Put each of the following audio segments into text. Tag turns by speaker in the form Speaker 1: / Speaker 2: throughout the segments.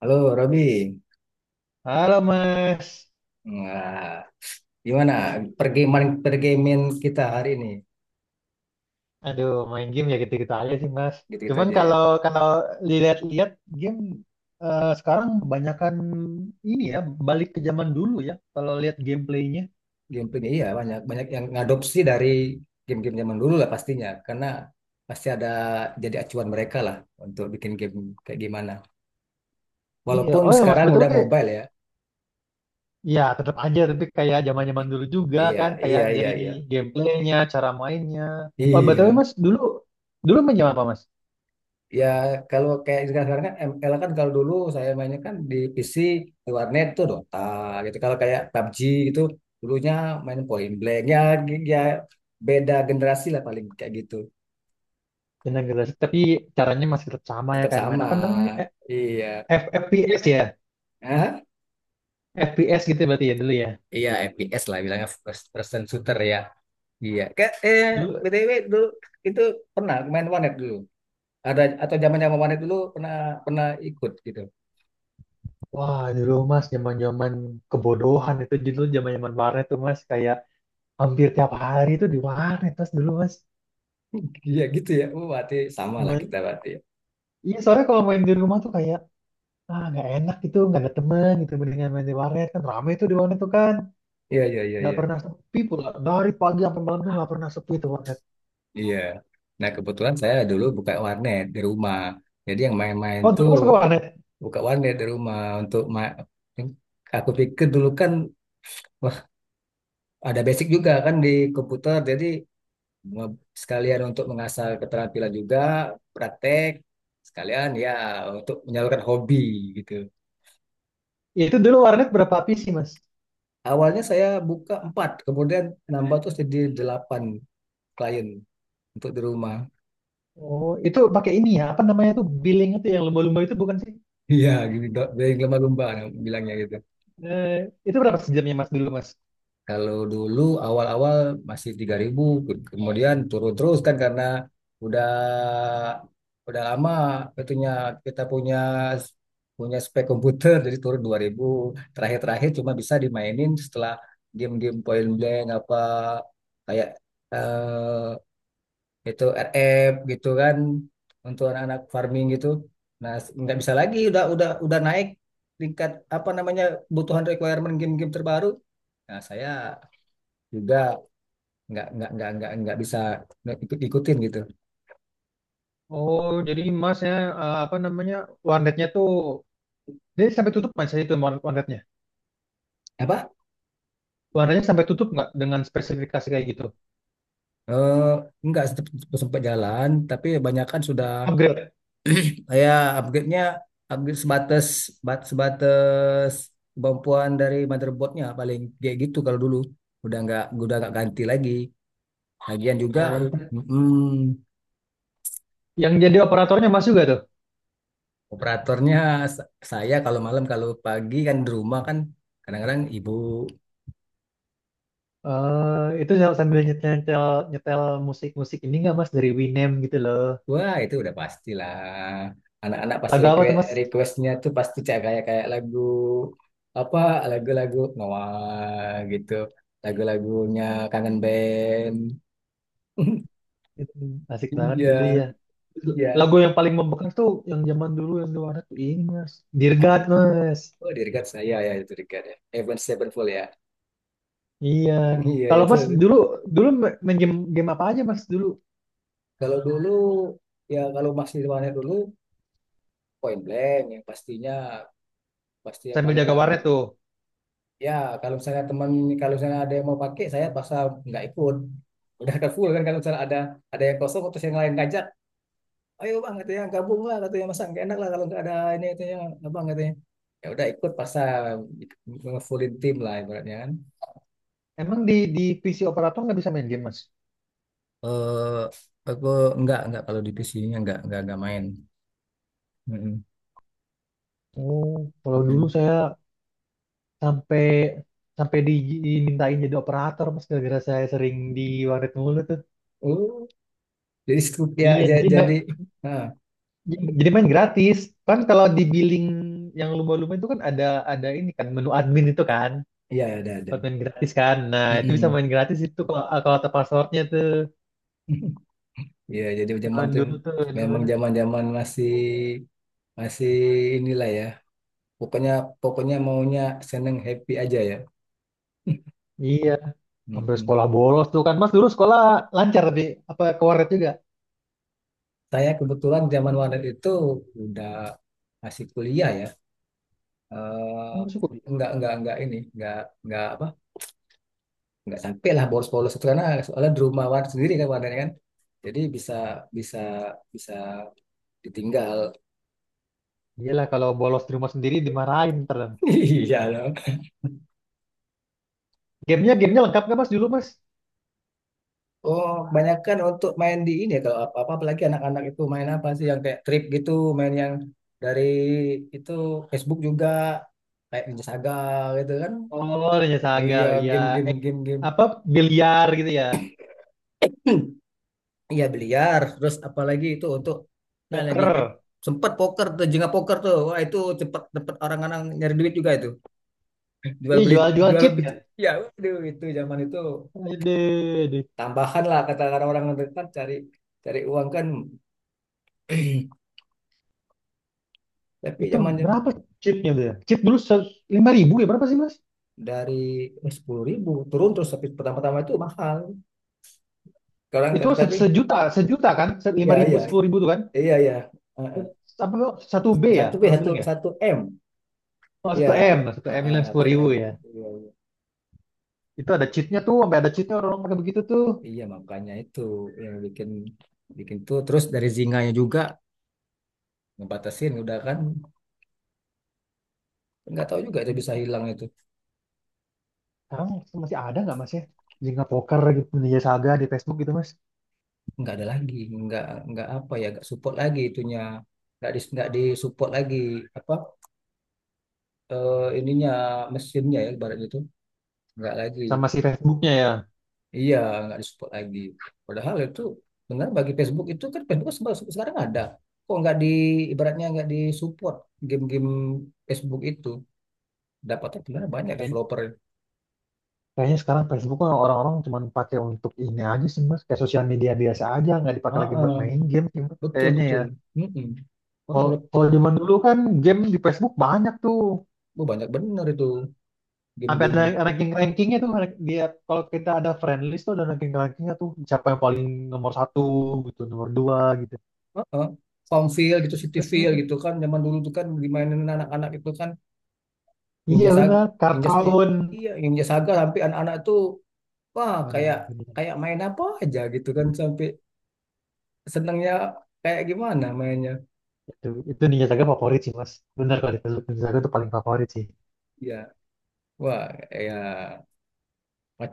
Speaker 1: Halo Robi,
Speaker 2: Halo Mas.
Speaker 1: nah, gimana pergamean pergamean kita hari ini?
Speaker 2: Aduh main game ya gitu-gitu aja sih Mas.
Speaker 1: Gitu-gitu
Speaker 2: Cuman
Speaker 1: aja ya.
Speaker 2: kalau kalau dilihat-lihat game sekarang kebanyakan ini ya balik ke zaman dulu ya kalau lihat gameplaynya.
Speaker 1: Game ini iya banyak banyak yang ngadopsi dari game-game zaman dulu lah pastinya, karena pasti ada jadi acuan mereka lah untuk bikin game kayak gimana.
Speaker 2: Iya,
Speaker 1: Walaupun
Speaker 2: oh ya Mas
Speaker 1: sekarang
Speaker 2: betul
Speaker 1: udah
Speaker 2: nih.
Speaker 1: mobile ya.
Speaker 2: Ya tetap aja tapi kayak zaman-zaman dulu juga
Speaker 1: Iya,
Speaker 2: kan kayak
Speaker 1: iya, iya,
Speaker 2: dari
Speaker 1: iya.
Speaker 2: gameplaynya, cara mainnya. Oh betul
Speaker 1: Iya.
Speaker 2: Mas, dulu dulu main game apa Mas?
Speaker 1: Ya kalau kayak sekarang-sekarang kan ML kan kalau dulu saya mainnya kan di PC di warnet tuh Dota gitu. Kalau kayak PUBG gitu dulunya main Point Blank ya, ya beda generasi lah paling kayak gitu.
Speaker 2: Dengan generasi tapi caranya masih tetap sama ya
Speaker 1: Tetap
Speaker 2: kan, main
Speaker 1: sama.
Speaker 2: apa namanya?
Speaker 1: Iya.
Speaker 2: F- P S ya,
Speaker 1: Hah?
Speaker 2: F P S gitu berarti ya dulu ya.
Speaker 1: Iya FPS lah bilangnya first person shooter ya. Iya. Kayak
Speaker 2: Dulu
Speaker 1: BTW dulu itu pernah main warnet dulu. Ada atau zaman-zaman warnet dulu pernah pernah ikut gitu.
Speaker 2: Wah, dulu Mas, zaman-zaman kebodohan itu, dulu zaman-zaman warnet tuh Mas, kayak hampir tiap hari tuh di warnet Mas dulu Mas.
Speaker 1: Iya gitu ya. Oh, berarti sama lah kita
Speaker 2: Main-
Speaker 1: berarti.
Speaker 2: Iya, soalnya kalau main di rumah tuh kayak ah nggak enak gitu, nggak ada temen gitu, mendingan main di warnet kan rame tuh di warnet tuh kan,
Speaker 1: Iya, iya, iya,
Speaker 2: nggak
Speaker 1: iya.
Speaker 2: pernah sepi pula. Dari pagi sampai malam tuh nggak pernah sepi tuh warnet.
Speaker 1: Iya. Nah, kebetulan saya dulu buka warnet di rumah. Jadi yang main-main
Speaker 2: Oh,
Speaker 1: tuh
Speaker 2: dulu Mas ke warnet.
Speaker 1: buka warnet di rumah eh, aku pikir dulu kan wah ada basic juga kan di komputer. Jadi me- sekalian untuk mengasah keterampilan juga, praktek sekalian ya untuk menyalurkan hobi gitu.
Speaker 2: Ya, itu dulu warnet berapa PC Mas?
Speaker 1: Awalnya saya buka empat, kemudian nambah terus jadi delapan klien untuk di rumah.
Speaker 2: Oh, itu pakai ini ya, apa namanya tuh billing itu yang lumba-lumba itu bukan sih?
Speaker 1: Iya, gitu, dok. Jadi lumba-lumba bilangnya gitu.
Speaker 2: Eh, itu berapa sejamnya Mas dulu Mas?
Speaker 1: Kalau dulu awal-awal masih 3.000, kemudian turun terus kan karena udah udah lama itunya kita punya punya spek komputer jadi turun 2.000. Terakhir-terakhir cuma bisa dimainin setelah game-game point blank apa kayak eh, itu RF gitu kan untuk anak-anak farming gitu. Nah, nggak bisa lagi udah naik tingkat apa namanya kebutuhan requirement game-game terbaru. Nah, saya juga nggak bisa ikutin gitu.
Speaker 2: Oh, jadi masnya apa namanya warnetnya tuh jadi sampai tutup mas ya, itu warnet warnetnya.
Speaker 1: Apa?
Speaker 2: Warnetnya sampai tutup nggak dengan spesifikasi kayak gitu?
Speaker 1: Eh, nggak sempat sempat jalan, tapi kebanyakan sudah
Speaker 2: Upgrade.
Speaker 1: ya upgrade-nya upgrade sebatas sebatas kemampuan dari motherboardnya paling kayak gitu kalau dulu udah nggak ganti lagi. Lagian juga
Speaker 2: Oh,
Speaker 1: mm,
Speaker 2: yang jadi operatornya mas juga tuh.
Speaker 1: operatornya saya kalau malam kalau pagi kan di rumah kan kadang-kadang ibu.
Speaker 2: Sambil nyetel nyetel, nyetel musik musik ini nggak mas, dari Winem gitu loh.
Speaker 1: Wah, itu udah pastilah. Anak-anak pasti
Speaker 2: Lagu apa tuh
Speaker 1: request
Speaker 2: mas?
Speaker 1: requestnya tuh pasti kayak kayak kayak lagu apa lagu-lagu Noah gitu, lagu-lagunya Kangen Band.
Speaker 2: Itu asik banget
Speaker 1: Iya,
Speaker 2: dulu ya.
Speaker 1: iya.
Speaker 2: Lagu yang paling membekas tuh yang zaman dulu yang di warnet tuh ini mas. Dear
Speaker 1: Ah,
Speaker 2: God mas.
Speaker 1: Oh, di regard saya ya itu regard ya. Avenged Sevenfold ya.
Speaker 2: Iya.
Speaker 1: Iya, iya,
Speaker 2: Kalau
Speaker 1: itu.
Speaker 2: mas dulu, dulu main game game apa aja mas dulu?
Speaker 1: Kalau dulu ya kalau masih di mana dulu Point Blank yang pastinya pasti yang
Speaker 2: Sambil
Speaker 1: paling
Speaker 2: jaga warnet
Speaker 1: rame.
Speaker 2: tuh.
Speaker 1: Ya, kalau misalnya teman, kalau misalnya ada yang mau pakai, saya paksa nggak ikut. Udah ada full kan, kalau misalnya ada yang kosong, terus yang lain ngajak, ayo bang, katanya gabung lah, katanya masa nggak enak lah kalau nggak ada ini, katanya abang katanya. Ya udah ikut paksa fullin tim lah ibaratnya kan.
Speaker 2: Emang di PC operator nggak bisa main game, Mas?
Speaker 1: Eh, aku nggak kalau di PC-nya nggak main. Mm-mm,
Speaker 2: Oh, kalau dulu
Speaker 1: mm-mm.
Speaker 2: saya sampai sampai dimintain jadi operator, Mas, gara-gara saya sering di warnet mulu tuh.
Speaker 1: Oh, jadi scoop ya,
Speaker 2: Iya,
Speaker 1: jadi, ah,
Speaker 2: jadi main gratis. Kan kalau di billing yang lumba-lumba itu kan ada, ini kan menu admin itu kan
Speaker 1: iya ada.
Speaker 2: buat main gratis kan. Nah, itu bisa
Speaker 1: Mm-mm.
Speaker 2: main gratis itu kalau kalau ada passwordnya tuh.
Speaker 1: Iya, jadi zaman
Speaker 2: Zaman
Speaker 1: tuh
Speaker 2: dulu tuh enak
Speaker 1: memang
Speaker 2: banget.
Speaker 1: zaman-zaman masih masih inilah ya pokoknya pokoknya maunya seneng happy aja ya.
Speaker 2: Iya, sampai
Speaker 1: Mm-mm.
Speaker 2: sekolah bolos tuh kan. Mas dulu sekolah lancar tapi apa ke warnet juga?
Speaker 1: Saya kebetulan zaman Walet itu udah masih kuliah ya. Eh
Speaker 2: Oh, syukur.
Speaker 1: enggak ini enggak apa enggak sampai lah bolos-bolos itu karena soalnya di rumah Walet sendiri kan Walet kan jadi bisa bisa bisa ditinggal.
Speaker 2: Iyalah, kalau bolos di rumah sendiri dimarahin ntar.
Speaker 1: Iya loh.
Speaker 2: Gamenya gamenya lengkap nggak mas dulu mas?
Speaker 1: Oh, kebanyakan untuk main di ini ya kalau apa-apa apalagi anak-anak itu main apa sih yang kayak trip gitu, main yang dari itu Facebook juga kayak Ninja Saga gitu kan.
Speaker 2: Oh ternyata Saga
Speaker 1: Iya,
Speaker 2: ya,
Speaker 1: game game
Speaker 2: eh,
Speaker 1: game game.
Speaker 2: apa biliar gitu ya,
Speaker 1: Iya, biliar, terus apalagi itu untuk nah lagi hype
Speaker 2: poker.
Speaker 1: sempet poker tuh, jengah poker tuh. Wah, itu cepet cepet orang-orang nyari duit juga itu. Jual
Speaker 2: Iya
Speaker 1: beli
Speaker 2: jual-jual chip ya.
Speaker 1: ya waduh itu zaman itu
Speaker 2: Aduh, aduh.
Speaker 1: tambahan lah kata orang-orang kan cari cari uang kan. Tapi
Speaker 2: Itu
Speaker 1: zaman
Speaker 2: berapa chipnya tuh? Ya? Chip dulu lima ribu ya berapa sih mas?
Speaker 1: dari 10.000 turun terus tapi pertama-tama itu mahal sekarang
Speaker 2: Itu
Speaker 1: kan tapi
Speaker 2: sejuta sejuta kan? Lima
Speaker 1: ya,
Speaker 2: ribu
Speaker 1: ya,
Speaker 2: sepuluh ribu tuh kan?
Speaker 1: iya, ya,
Speaker 2: Apa tuh? Satu B ya
Speaker 1: satu b
Speaker 2: orang
Speaker 1: satu
Speaker 2: bilang ya?
Speaker 1: satu m
Speaker 2: Oh satu M,
Speaker 1: ya
Speaker 2: satu M bilang
Speaker 1: satu
Speaker 2: sepuluh ribu
Speaker 1: m
Speaker 2: ya.
Speaker 1: iya iya.
Speaker 2: Itu ada cheatnya tuh, sampai ada cheatnya orang pakai begitu tuh.
Speaker 1: Iya, makanya itu yang bikin bikin tuh terus dari zinganya juga ngebatasin udah kan nggak tahu juga itu bisa hilang itu.
Speaker 2: Sekarang masih ada nggak mas ya? Jenga poker gitu, Ninja Saga di Facebook gitu mas.
Speaker 1: Nggak ada lagi nggak nggak apa ya nggak support lagi itunya nggak di lagi apa ininya mesinnya ya ibaratnya itu nggak lagi.
Speaker 2: Sama si Facebooknya ya.
Speaker 1: Iya, nggak disupport lagi. Padahal itu benar bagi Facebook itu kan Facebook sekarang ada. Kok nggak di ibaratnya nggak disupport game-game Facebook itu dapatnya sebenarnya banyak
Speaker 2: Kayak-
Speaker 1: developer.
Speaker 2: Kayaknya sekarang Facebook kan orang-orang cuma pakai untuk ini aja sih mas. Kayak sosial media biasa aja, nggak dipakai
Speaker 1: Ah,
Speaker 2: lagi
Speaker 1: ah,
Speaker 2: buat main game sih mas.
Speaker 1: betul,
Speaker 2: Kayaknya ya.
Speaker 1: betul. Mm-mm. Orang
Speaker 2: Kalau
Speaker 1: udah
Speaker 2: kalau zaman dulu kan game di Facebook banyak tuh.
Speaker 1: oh, banyak bener itu
Speaker 2: Sampai
Speaker 1: game-game.
Speaker 2: ada ranking-rankingnya tuh. Dia kalau kita ada friend list tuh ada ranking-rankingnya tuh. Siapa yang paling nomor satu gitu, nomor dua gitu.
Speaker 1: Ah, ah. Farmville gitu,
Speaker 2: Itu seru
Speaker 1: Cityville
Speaker 2: tuh.
Speaker 1: gitu kan zaman dulu tuh kan dimainin anak-anak itu kan.
Speaker 2: Iya
Speaker 1: Ninja Saga,
Speaker 2: benar,
Speaker 1: Ninja
Speaker 2: kartun.
Speaker 1: iya Ninja Saga sampai anak-anak tuh wah
Speaker 2: Aduh,
Speaker 1: kayak
Speaker 2: bener.
Speaker 1: kayak main apa aja gitu kan sampai senangnya kayak gimana mainnya
Speaker 2: Itu Ninja Saga favorit sih mas. Bener kalau dipeluk Ninja Saga itu paling favorit sih.
Speaker 1: ya wah ya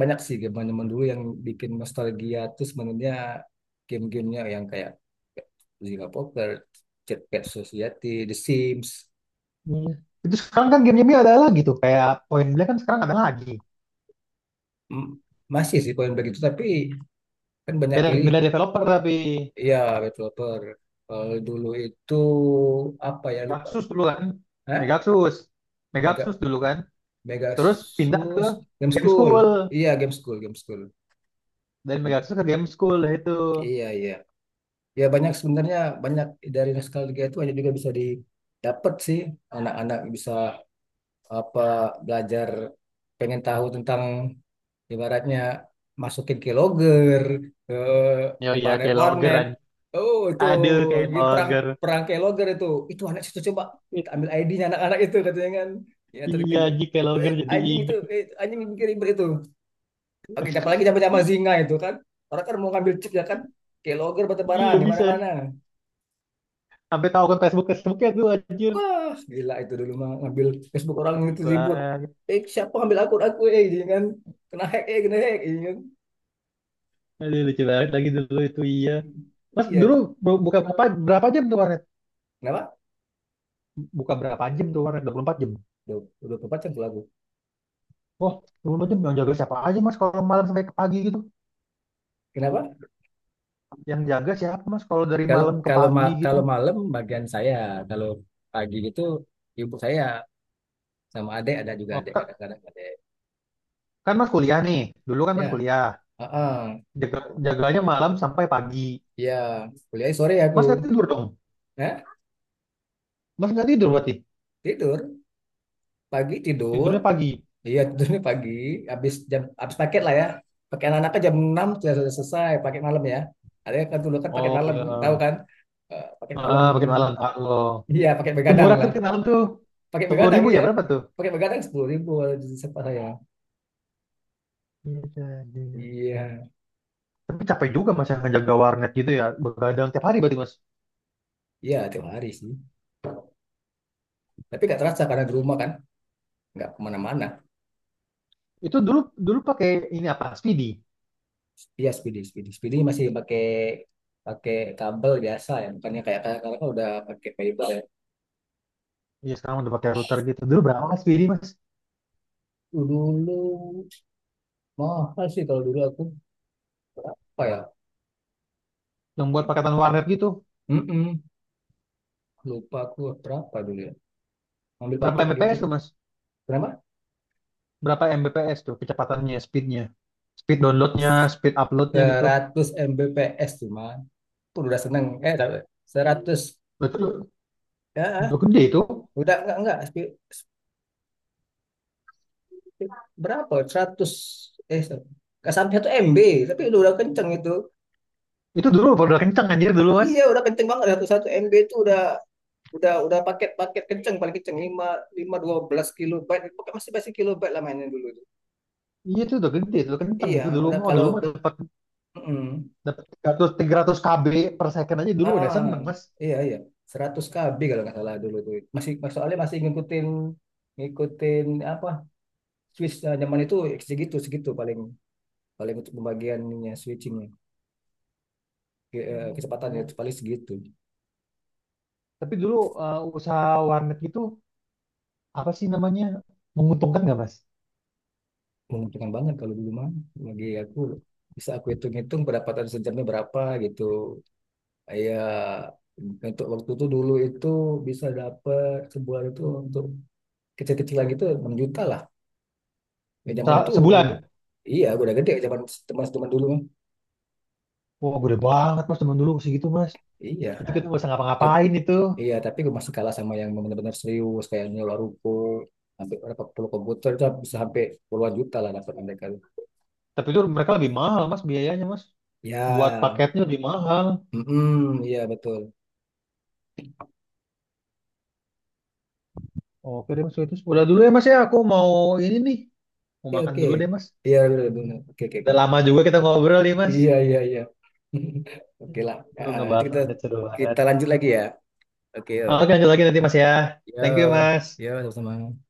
Speaker 1: banyak sih game zaman dulu yang bikin nostalgia tuh sebenarnya game-gamenya yang kayak Zynga Poker, Cat Cat Society, The Sims.
Speaker 2: Iya. Itu sekarang kan game-game ada lagi tuh. Kayak Point Blank kan sekarang ada lagi.
Speaker 1: M- masih sih kalau yang begitu tapi kan banyak
Speaker 2: Beda
Speaker 1: pilih.
Speaker 2: developer tapi
Speaker 1: Ya developer kalau dulu itu apa ya lupa.
Speaker 2: Megaxus dulu kan.
Speaker 1: Hah?
Speaker 2: Megaxus. Megaxus
Speaker 1: Mega
Speaker 2: dulu kan.
Speaker 1: Mega
Speaker 2: Terus pindah ke
Speaker 1: Sus Game
Speaker 2: Game School.
Speaker 1: School iya Game School Game School.
Speaker 2: Dan
Speaker 1: Mm.
Speaker 2: Megaxus ke Game School lah itu.
Speaker 1: Iya, iya. Ya banyak sebenarnya banyak dari nostalgia itu banyak juga bisa didapat sih anak-anak bisa apa belajar pengen tahu tentang ibaratnya masukin ke ke
Speaker 2: Ya
Speaker 1: ke
Speaker 2: iya
Speaker 1: planet
Speaker 2: kayak logger
Speaker 1: warnet
Speaker 2: anjing.
Speaker 1: oh itu
Speaker 2: Aduh kayak
Speaker 1: di perang
Speaker 2: logger.
Speaker 1: perang ke itu itu anak situ coba kita ambil ID-nya anak-anak itu katanya kan ya tadi
Speaker 2: Iya anjing kayak logger, jadi
Speaker 1: anjing itu
Speaker 2: inget.
Speaker 1: anjing yang bikin ribet itu oke apalagi zaman-zaman Zinga itu kan orang kan mau ngambil chip ya kan ke logger
Speaker 2: Iya
Speaker 1: batu-baraan di
Speaker 2: bisa.
Speaker 1: mana-mana.
Speaker 2: Sampai tahu akun Facebooknya tuh anjir.
Speaker 1: Wah, gila itu dulu mah ngambil Facebook orang itu ribut.
Speaker 2: Bang.
Speaker 1: Eh, siapa ngambil akun aku eh gitu kan. Kena hack gitu kan.
Speaker 2: Aduh lucu banget lagi dulu itu iya. Mas dulu
Speaker 1: Iya.
Speaker 2: buka berapa berapa jam tuh warnet?
Speaker 1: Kenapa?
Speaker 2: Buka berapa jam tuh warnet? 24 jam.
Speaker 1: Duh, udah 4 jam tuh aku.
Speaker 2: Oh, 24 jam yang jaga siapa aja Mas kalau malam sampai ke pagi gitu?
Speaker 1: Kenapa?
Speaker 2: Yang jaga siapa Mas kalau dari
Speaker 1: Kalau
Speaker 2: malam ke
Speaker 1: kalau
Speaker 2: pagi
Speaker 1: ma-
Speaker 2: gitu?
Speaker 1: kalau malam bagian saya, kalau pagi itu ibu saya sama adek ada juga
Speaker 2: Oh,
Speaker 1: adek kadang-kadang adek.
Speaker 2: kan Mas kuliah nih. Dulu kan Mas
Speaker 1: Ya,
Speaker 2: kuliah.
Speaker 1: heeh.
Speaker 2: Jaga, jaganya malam sampai pagi.
Speaker 1: Ya, kuliah sore aku.
Speaker 2: Mas nggak tidur dong?
Speaker 1: Nah,
Speaker 2: Mas nggak tidur berarti?
Speaker 1: tidur. Pagi tidur.
Speaker 2: Tidurnya pagi.
Speaker 1: Iya, tidurnya pagi, habis paket lah ya. Pakai anak-anaknya jam 6 sudah selesai paket malam ya. Ada yang kan dulu kan paket
Speaker 2: Oh
Speaker 1: malam, tahu
Speaker 2: ya.
Speaker 1: kan? Eh, paket malam.
Speaker 2: Ah, pakai malam. Ah, oh.
Speaker 1: Iya, paket
Speaker 2: Itu
Speaker 1: begadang
Speaker 2: murah tuh
Speaker 1: lah.
Speaker 2: pakai malam tuh.
Speaker 1: Paket
Speaker 2: Sepuluh
Speaker 1: begadang
Speaker 2: ribu ya
Speaker 1: iya.
Speaker 2: berapa tuh?
Speaker 1: Paket begadang 10.000 sempat saya.
Speaker 2: Iya, iya.
Speaker 1: Iya,
Speaker 2: Tapi capek juga Mas yang ngejaga warnet gitu ya. Begadang tiap hari berarti Mas.
Speaker 1: iya tiap hari sih. Tapi nggak terasa karena di rumah kan, nggak kemana-mana.
Speaker 2: Itu dulu, pakai ini apa? Speedy.
Speaker 1: Iya, speedy, speedy, speedy masih pakai pakai kabel biasa ya, bukannya kayak sekarang kan udah pakai fiber ya.
Speaker 2: Iya, sekarang udah pakai router gitu. Dulu berapa mas Speedy, Mas?
Speaker 1: Dulu mahal sih kalau dulu aku berapa ya?
Speaker 2: Yang buat paketan warnet gitu.
Speaker 1: Mm-mm. Lupa aku berapa dulu ya. Ambil
Speaker 2: Berapa
Speaker 1: paket gitu.
Speaker 2: Mbps tuh, Mas?
Speaker 1: Kenapa?
Speaker 2: Berapa Mbps tuh kecepatannya, speednya? Speed downloadnya, speed uploadnya gitu.
Speaker 1: 100 Mbps cuma. Pun udah seneng. Tapi 100.
Speaker 2: Lah,
Speaker 1: Ya,
Speaker 2: udah gede itu.
Speaker 1: udah enggak. Spi- Berapa? 100, Eh, enggak sampai 1 MB, tapi udah kenceng itu.
Speaker 2: Itu dulu udah kenceng anjir dulu, Mas.
Speaker 1: Iya, udah kenceng banget. 1 MB itu udah paket-paket kenceng paling kenceng 5 5 12 kilobyte. Pokoknya masih masih kilobyte lah mainnya dulu itu.
Speaker 2: Iya itu udah gede, itu udah kenceng
Speaker 1: Iya,
Speaker 2: itu dulu,
Speaker 1: udah
Speaker 2: mau
Speaker 1: kalau
Speaker 2: dulu mah dapat
Speaker 1: mm.
Speaker 2: dapat 300 KB per second aja dulu udah
Speaker 1: Ah,
Speaker 2: seneng, Mas.
Speaker 1: iya, iya. 100 KB kalau nggak salah dulu tuh. Masih soalnya masih ngikutin ngikutin apa switch zaman itu segitu segitu paling paling untuk pembagiannya switchingnya.
Speaker 2: Aduh,
Speaker 1: Kecepatannya
Speaker 2: dulu.
Speaker 1: itu paling segitu.
Speaker 2: Tapi dulu usaha warnet itu apa sih namanya? Menguntungkan nggak, Mas?
Speaker 1: Menguntungkan banget kalau dulu mah bagi aku bisa aku hitung-hitung pendapatan sejamnya berapa gitu. Ya untuk waktu itu dulu itu bisa dapat sebulan itu untuk kecil-kecilan gitu 6 juta lah. Ya zaman itu
Speaker 2: Sebulan.
Speaker 1: udah- iya udah gede zaman teman-teman dulu.
Speaker 2: Wah, gede banget mas teman dulu segitu mas.
Speaker 1: Iya,
Speaker 2: Itu kita nggak bisa
Speaker 1: tapi
Speaker 2: ngapa-ngapain itu.
Speaker 1: iya tapi gue masih kalah sama yang benar-benar serius kayak nyewa ruko sampai berapa puluh komputer itu bisa sampai puluhan juta lah dapat mereka.
Speaker 2: Tapi itu mereka lebih mahal mas biayanya mas. Buat
Speaker 1: Ya,
Speaker 2: paketnya lebih mahal.
Speaker 1: mm, iya betul.
Speaker 2: Oke deh mas itu udah dulu ya mas ya. Aku mau ini nih. Mau
Speaker 1: Oke,
Speaker 2: makan
Speaker 1: oke,
Speaker 2: dulu deh mas.
Speaker 1: iya betul, betul. Oke, oke, oke.
Speaker 2: Udah lama juga kita ngobrol nih mas.
Speaker 1: Iya, iya, iya. Oke lah,
Speaker 2: Lu
Speaker 1: Nanti
Speaker 2: ngebahas
Speaker 1: kita
Speaker 2: audit seru banget.
Speaker 1: kita lanjut lagi ya. Oke yuk,
Speaker 2: Oke lanjut lagi nanti mas ya. Thank you
Speaker 1: ya,
Speaker 2: mas.
Speaker 1: ya sama-sama.